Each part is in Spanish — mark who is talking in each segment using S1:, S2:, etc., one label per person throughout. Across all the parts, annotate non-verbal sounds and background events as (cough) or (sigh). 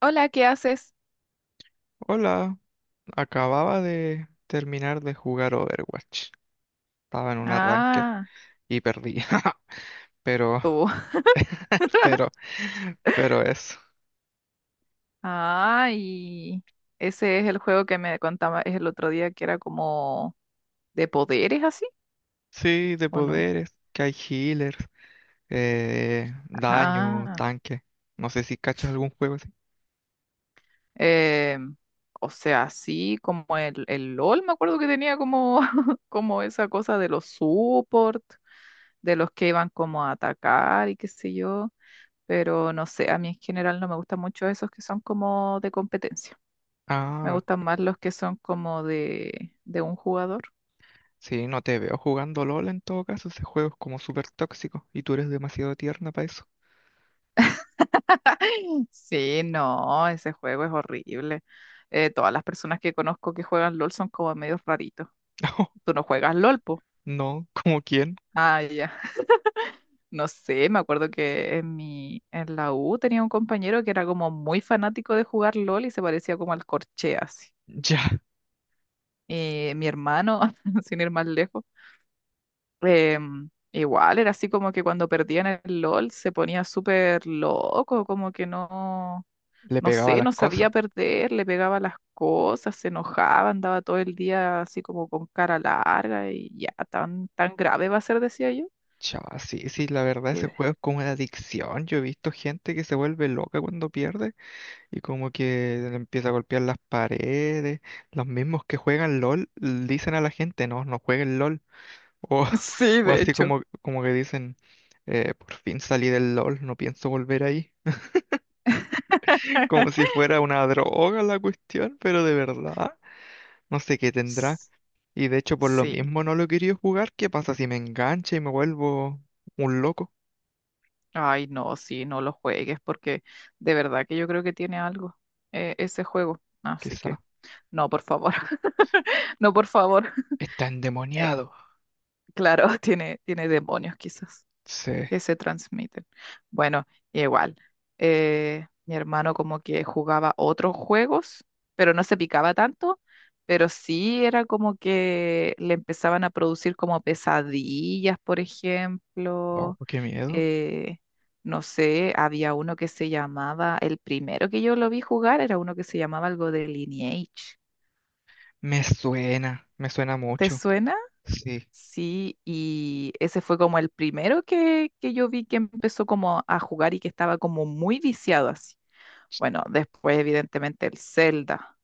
S1: Hola, ¿qué haces?
S2: Hola, acababa de terminar de jugar Overwatch. Estaba en una ranked
S1: Ah,
S2: y perdí. (laughs) Pero,
S1: tú.
S2: pero, pero eso.
S1: Ah, y (laughs) ese es el juego que me contaba el otro día que era como de poderes así,
S2: Sí, de
S1: ¿o no?
S2: poderes, que hay healers, daño,
S1: Ah,
S2: tanque. No sé si cachas algún juego así.
S1: em, o sea, así como el LOL, me acuerdo que tenía como, (laughs) como esa cosa de los support, de los que iban como a atacar y qué sé yo, pero no sé, a mí en general no me gustan mucho esos que son como de competencia. Me
S2: Ah,
S1: gustan más los que son como de un jugador.
S2: sí, no te veo jugando LOL en todo caso. Ese juego es como súper tóxico y tú eres demasiado tierna para eso.
S1: (laughs) Sí, no, ese juego es horrible. Todas las personas que conozco que juegan LOL son como medios raritos.
S2: (laughs)
S1: ¿Tú no juegas LOL, po?
S2: No, no, ¿como quién?
S1: Ah, ya. (laughs) No sé, me acuerdo que en en la U tenía un compañero que era como muy fanático de jugar LOL y se parecía como al Corchea, así.
S2: Ya,
S1: Y mi hermano, (laughs) sin ir más lejos, igual era así como que cuando perdían el LOL se ponía súper loco, como que no.
S2: le
S1: No
S2: pegaba
S1: sé,
S2: las
S1: no
S2: cosas.
S1: sabía perder, le pegaba las cosas, se enojaba, andaba todo el día así como con cara larga y ya, tan, tan grave va a ser, decía yo.
S2: Chava, sí, sí, la verdad
S1: Sí,
S2: ese juego
S1: ve.
S2: es como una adicción. Yo he visto gente que se vuelve loca cuando pierde y como que le empieza a golpear las paredes. Los mismos que juegan LOL dicen a la gente, no, no jueguen LOL. O,
S1: (laughs)
S2: (laughs)
S1: Sí,
S2: o
S1: de
S2: así
S1: hecho.
S2: como, como que dicen, por fin salí del LOL, no pienso volver ahí. (laughs) Como si fuera una
S1: (laughs)
S2: droga la cuestión, pero de verdad, no sé qué tendrá.
S1: S-
S2: Y de hecho por lo
S1: Sí,
S2: mismo no lo he querido jugar. ¿Qué pasa si me engancha y me vuelvo un loco?
S1: ay, no, sí, no lo juegues porque de verdad que yo creo que tiene algo ese juego. Así
S2: Quizás.
S1: que, no, por favor, (laughs) no, por favor. (laughs)
S2: Está
S1: Eh,
S2: endemoniado.
S1: claro, tiene, tiene demonios quizás.
S2: Sí.
S1: Que se transmiten. Bueno, igual, mi hermano como que jugaba otros juegos, pero no se picaba tanto, pero sí era como que le empezaban a producir como pesadillas, por
S2: Oh,
S1: ejemplo.
S2: qué miedo.
S1: Eh, no sé, había uno que se llamaba, el primero que yo lo vi jugar era uno que se llamaba algo de Lineage.
S2: Me suena
S1: ¿Te
S2: mucho.
S1: suena?
S2: Sí.
S1: Sí, y ese fue como el primero que yo vi que empezó como a jugar y que estaba como muy viciado así. Bueno, después evidentemente el Zelda.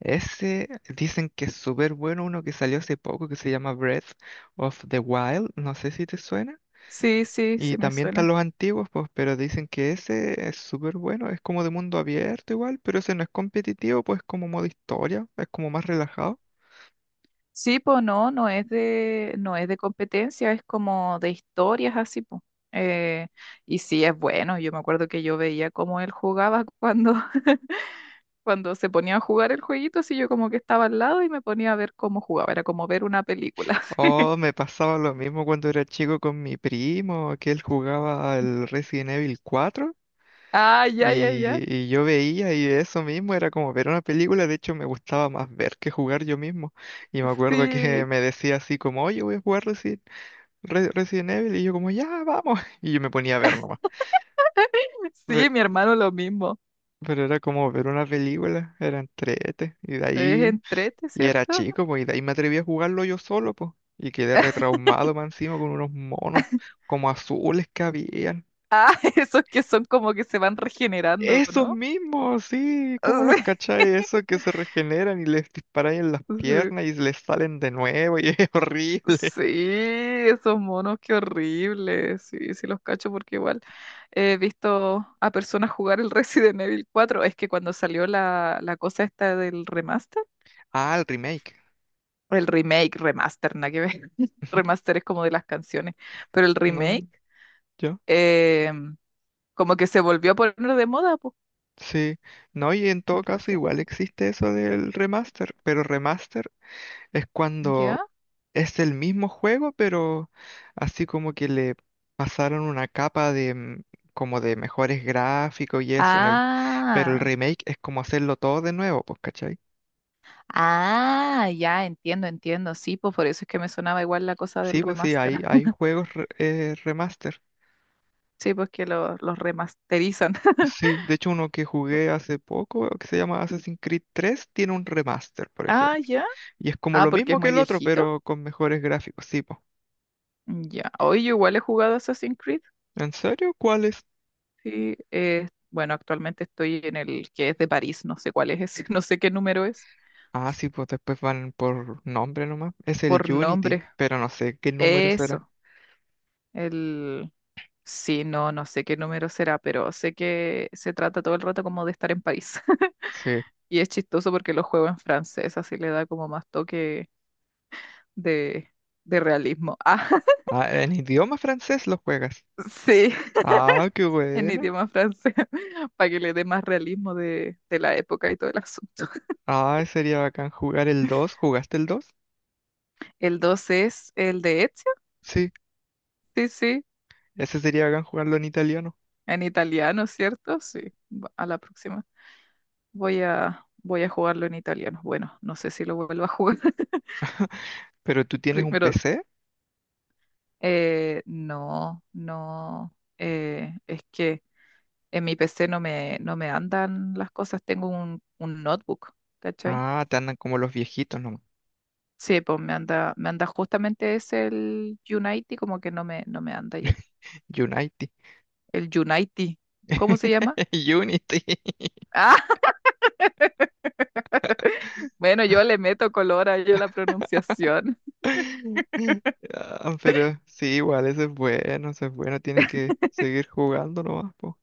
S2: Ese dicen que es súper bueno uno que salió hace poco que se llama Breath of the Wild. No sé si te suena.
S1: Sí, sí,
S2: Y
S1: sí me
S2: también están
S1: suena.
S2: los antiguos, pues, pero dicen que ese es súper bueno. Es como de mundo abierto igual, pero ese no es competitivo, pues como modo historia. Es como más relajado.
S1: Sí, pues no, no es no es de competencia, es como de historias así, pues. Eh, y sí, es bueno. Yo me acuerdo que yo veía cómo él jugaba cuando, (laughs) cuando se ponía a jugar el jueguito, así yo como que estaba al lado y me ponía a ver cómo jugaba. Era como ver una película. (laughs)
S2: Oh, me pasaba lo mismo cuando era chico con mi primo, que él jugaba al Resident Evil 4.
S1: Ah, ya, ya, ya.
S2: Y, y yo veía y eso mismo era como ver una película, de hecho me gustaba más ver que jugar yo mismo. Y me acuerdo que (laughs)
S1: Sí.
S2: me decía así como, oye, voy a jugar Resident, Resident Evil, y yo como, ya, vamos. (laughs) Y yo me ponía a ver nomás. Pe-
S1: Sí, mi hermano lo mismo.
S2: Pero, era como ver una película, era entrete, y de
S1: Es
S2: ahí,
S1: entrete,
S2: y era
S1: ¿cierto?
S2: chico, pues, y de ahí me atreví a jugarlo yo solo, pues. Y quedé retraumado más encima con unos monos como azules que habían.
S1: Ah, (laughs) esos que son como que se van regenerando,
S2: Esos
S1: ¿no?
S2: mismos, sí, ¿cómo los
S1: (laughs)
S2: cacháis? Eso que se regeneran y les disparáis en las
S1: Sí,
S2: piernas y les salen de nuevo y es (laughs) horrible.
S1: sí, esos monos, qué horrible. Sí, sí los cacho porque igual he visto a personas jugar el (laughs) Resident Evil 4. Es que cuando salió la cosa esta del remaster,
S2: Ah, el remake.
S1: el remake, remaster, nada que ver. (laughs)
S2: (laughs)
S1: Remaster es como de las canciones, pero el
S2: No,
S1: remake
S2: yo.
S1: eh, como que se volvió a poner de moda, pues.
S2: Sí. No, y en todo
S1: El
S2: caso
S1: Resident
S2: igual
S1: Evil.
S2: existe eso del remaster, pero remaster es cuando
S1: ¿Ya?
S2: es el mismo juego, pero así como que le pasaron una capa de como de mejores gráficos y eso en el, pero el
S1: Ah,
S2: remake es como hacerlo todo de nuevo, pues.
S1: ah, ya entiendo, entiendo. Sí, pues por eso es que me sonaba igual la cosa del
S2: Sí, pues sí, hay,
S1: remaster.
S2: hay
S1: (laughs)
S2: juegos remaster.
S1: Sí, pues que los remasterizan. (laughs)
S2: Sí, de hecho uno que jugué hace poco, que se llama Assassin's Creed 3, tiene un remaster, por
S1: Ah,
S2: ejemplo.
S1: ya.
S2: Y es como
S1: Ah,
S2: lo
S1: porque es
S2: mismo que
S1: muy
S2: el otro,
S1: viejito.
S2: pero con mejores gráficos. Sí, pues.
S1: Ya. Hoy yo igual he jugado Assassin's Creed.
S2: ¿En serio? ¿Cuál es?
S1: Sí, bueno, actualmente estoy en el que es de París. No sé cuál es ese, (laughs) no sé qué número es.
S2: Ah, sí, pues después van por nombre nomás. Es el
S1: Por
S2: Unity,
S1: nombre.
S2: pero no sé qué número será.
S1: Eso. El. Sí, no, no sé qué número será, pero sé que se trata todo el rato como de estar en París.
S2: Sí.
S1: Y es chistoso porque lo juego en francés, así le da como más toque de, de realismo. (laughs) Ah,
S2: Ah, en idioma francés lo juegas.
S1: sí,
S2: Ah, qué
S1: en
S2: bueno.
S1: idioma francés, (laughs) para que le dé más realismo de la época y todo el asunto.
S2: Ah, sería bacán jugar el 2. ¿Jugaste el 2?
S1: El 2 es el de Ezio,
S2: Sí,
S1: sí, sí,
S2: ese sería bacán jugarlo en italiano.
S1: en italiano, ¿cierto? Sí, a la próxima. Voy a, voy a jugarlo en italiano. Bueno, no sé si lo vuelvo a jugar (laughs)
S2: ¿Pero tú tienes un
S1: primero.
S2: PC?
S1: Eh, no, no, es que... En mi PC no me, no me andan las cosas, tengo un notebook, ¿cachai?
S2: Ah, te andan como los viejitos nomás.
S1: Sí, pues me anda justamente es el Unity, como que no me, no me anda ya.
S2: (laughs) Unity.
S1: El Unity, ¿cómo se llama?
S2: (laughs) Unity.
S1: (laughs) Ah, bueno, yo le meto color a yo la pronunciación. (laughs)
S2: (laughs) Ah, pero sí, igual, eso es bueno, eso es bueno. Tienes que seguir jugando nomás, po.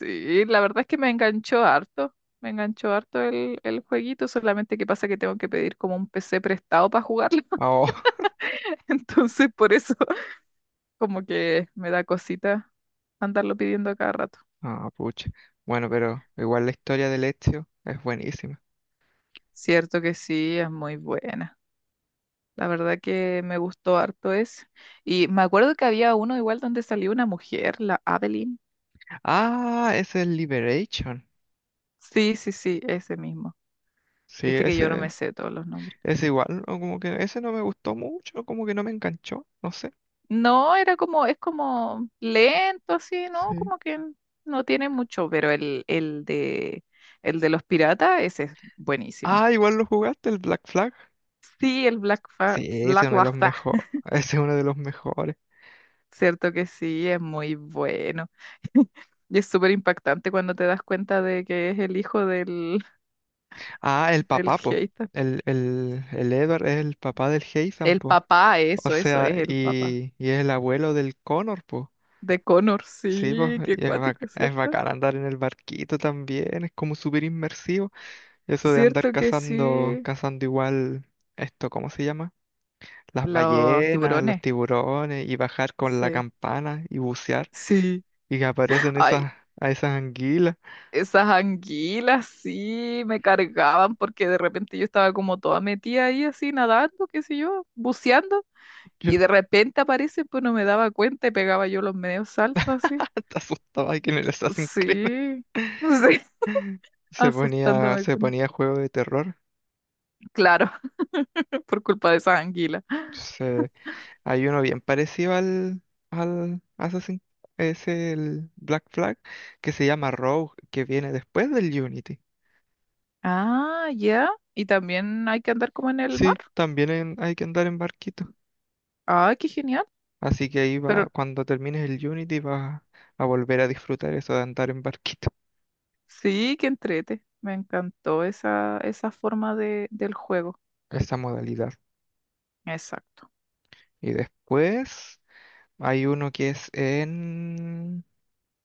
S1: Sí, la verdad es que me enganchó harto el jueguito, solamente que pasa que tengo que pedir como un PC prestado para jugarlo,
S2: Ah, oh,
S1: (laughs) entonces por eso (laughs) como que me da cosita andarlo pidiendo a cada rato.
S2: (laughs) ah, pucha. Bueno, pero igual la historia del Ezio es buenísima.
S1: Cierto que sí, es muy buena. La verdad que me gustó harto ese. Y me acuerdo que había uno igual donde salió una mujer, la Adeline.
S2: Ah, ese es Liberation.
S1: Sí, sí, sí, ese mismo.
S2: Sí,
S1: Viste que yo no
S2: ese,
S1: me sé todos los nombres.
S2: ese igual, o como que ese no me gustó mucho, como que no me enganchó, no sé.
S1: No, era como, es como lento así, ¿no?
S2: Sí.
S1: Como que no tiene mucho, pero el de el de los piratas, ese es buenísimo.
S2: Ah, igual lo jugaste, el Black Flag.
S1: Sí, el
S2: Sí, ese es
S1: Black
S2: uno de los
S1: Lapa.
S2: mejores.
S1: (laughs)
S2: (laughs) Ese es uno de los mejores.
S1: Cierto que sí, es muy bueno. Y es súper impactante cuando te das cuenta de que es el hijo del,
S2: Ah, el
S1: del
S2: papá, po.
S1: hater.
S2: El Edward es el papá del Heizan,
S1: El
S2: po.
S1: papá,
S2: O
S1: eso
S2: sea,
S1: es el papá.
S2: y es el abuelo del Connor, po.
S1: De Connor,
S2: Sí, po.
S1: sí, qué
S2: Es,
S1: cuático,
S2: es
S1: ¿cierto?
S2: bacán andar en el barquito también. Es como súper inmersivo. Eso de andar
S1: Cierto que
S2: cazando,
S1: sí.
S2: cazando igual, esto, ¿cómo se llama? Las
S1: Los
S2: ballenas, los
S1: tiburones,
S2: tiburones, y bajar con la
S1: sí.
S2: campana y bucear.
S1: Sí.
S2: Y que aparecen
S1: Ay,
S2: esas, a esas anguilas.
S1: esas anguilas, sí, me cargaban porque de repente yo estaba como toda metida ahí así, nadando, qué sé yo, buceando,
S2: Yo
S1: y de repente aparecen, pues no me daba cuenta y pegaba yo los medios saltos
S2: (laughs)
S1: así.
S2: hasta asustaba que me las hacen creer.
S1: Sí, (laughs) sí,
S2: (laughs)
S1: asustándome
S2: Se
S1: con...
S2: ponía juego de terror.
S1: Claro, (laughs) por culpa de esas anguilas.
S2: Sí, hay uno bien parecido al, al Assassin, es el Black Flag, que se llama Rogue, que viene después del Unity.
S1: Ah, ya. Y también hay que andar como en el
S2: Sí,
S1: mar.
S2: también hay que andar en barquito.
S1: Ah, qué genial.
S2: Así que ahí va,
S1: Pero
S2: cuando termines el Unity vas a volver a disfrutar eso de andar en barquito,
S1: sí, que entrete. Me encantó esa forma de, del juego.
S2: (laughs) esa modalidad.
S1: Exacto.
S2: Y después hay uno que es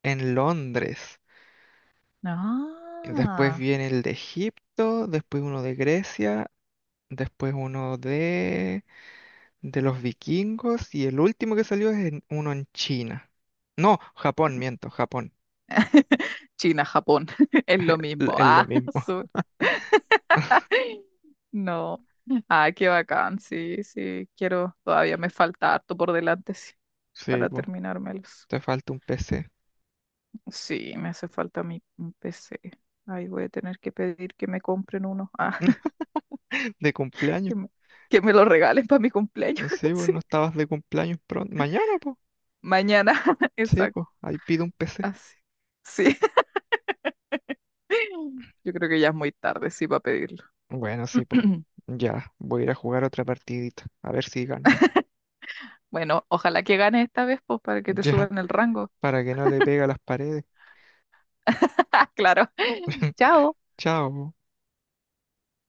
S2: en Londres. Y después
S1: Ah,
S2: viene el de Egipto, después uno de Grecia, después uno de los vikingos y el último que salió es uno en China. No, Japón, miento, Japón.
S1: China, Japón, (laughs) es lo mismo.
S2: Es lo
S1: Ah,
S2: mismo.
S1: (laughs) sur.
S2: (laughs)
S1: No. Ah, qué bacán. Sí, sí, quiero. Todavía me falta harto por delante, sí,
S2: Sí,
S1: para
S2: pues,
S1: terminármelos.
S2: te falta un PC.
S1: Sí, me hace falta mi PC. Ahí voy a tener que pedir que me compren uno. Ah,
S2: (laughs) De cumpleaños.
S1: que me, que me lo regalen para mi cumpleaños.
S2: Sí,
S1: (laughs)
S2: pues,
S1: Sí.
S2: no estabas de cumpleaños pronto. Mañana, pues.
S1: Mañana, (laughs)
S2: Sí,
S1: exacto.
S2: pues, ahí pido un PC.
S1: Así. Sí. (laughs) Yo creo que ya es muy tarde, sí, para pedirlo.
S2: Bueno, sí, pues.
S1: (clears throat)
S2: Ya, voy a ir a jugar otra partidita. A ver si gano.
S1: Bueno, ojalá que ganes esta vez, pues, para
S2: (laughs)
S1: que te
S2: Ya,
S1: suban el rango.
S2: para que no le pegue a las paredes.
S1: (laughs) Claro.
S2: (laughs)
S1: Chao.
S2: Chao.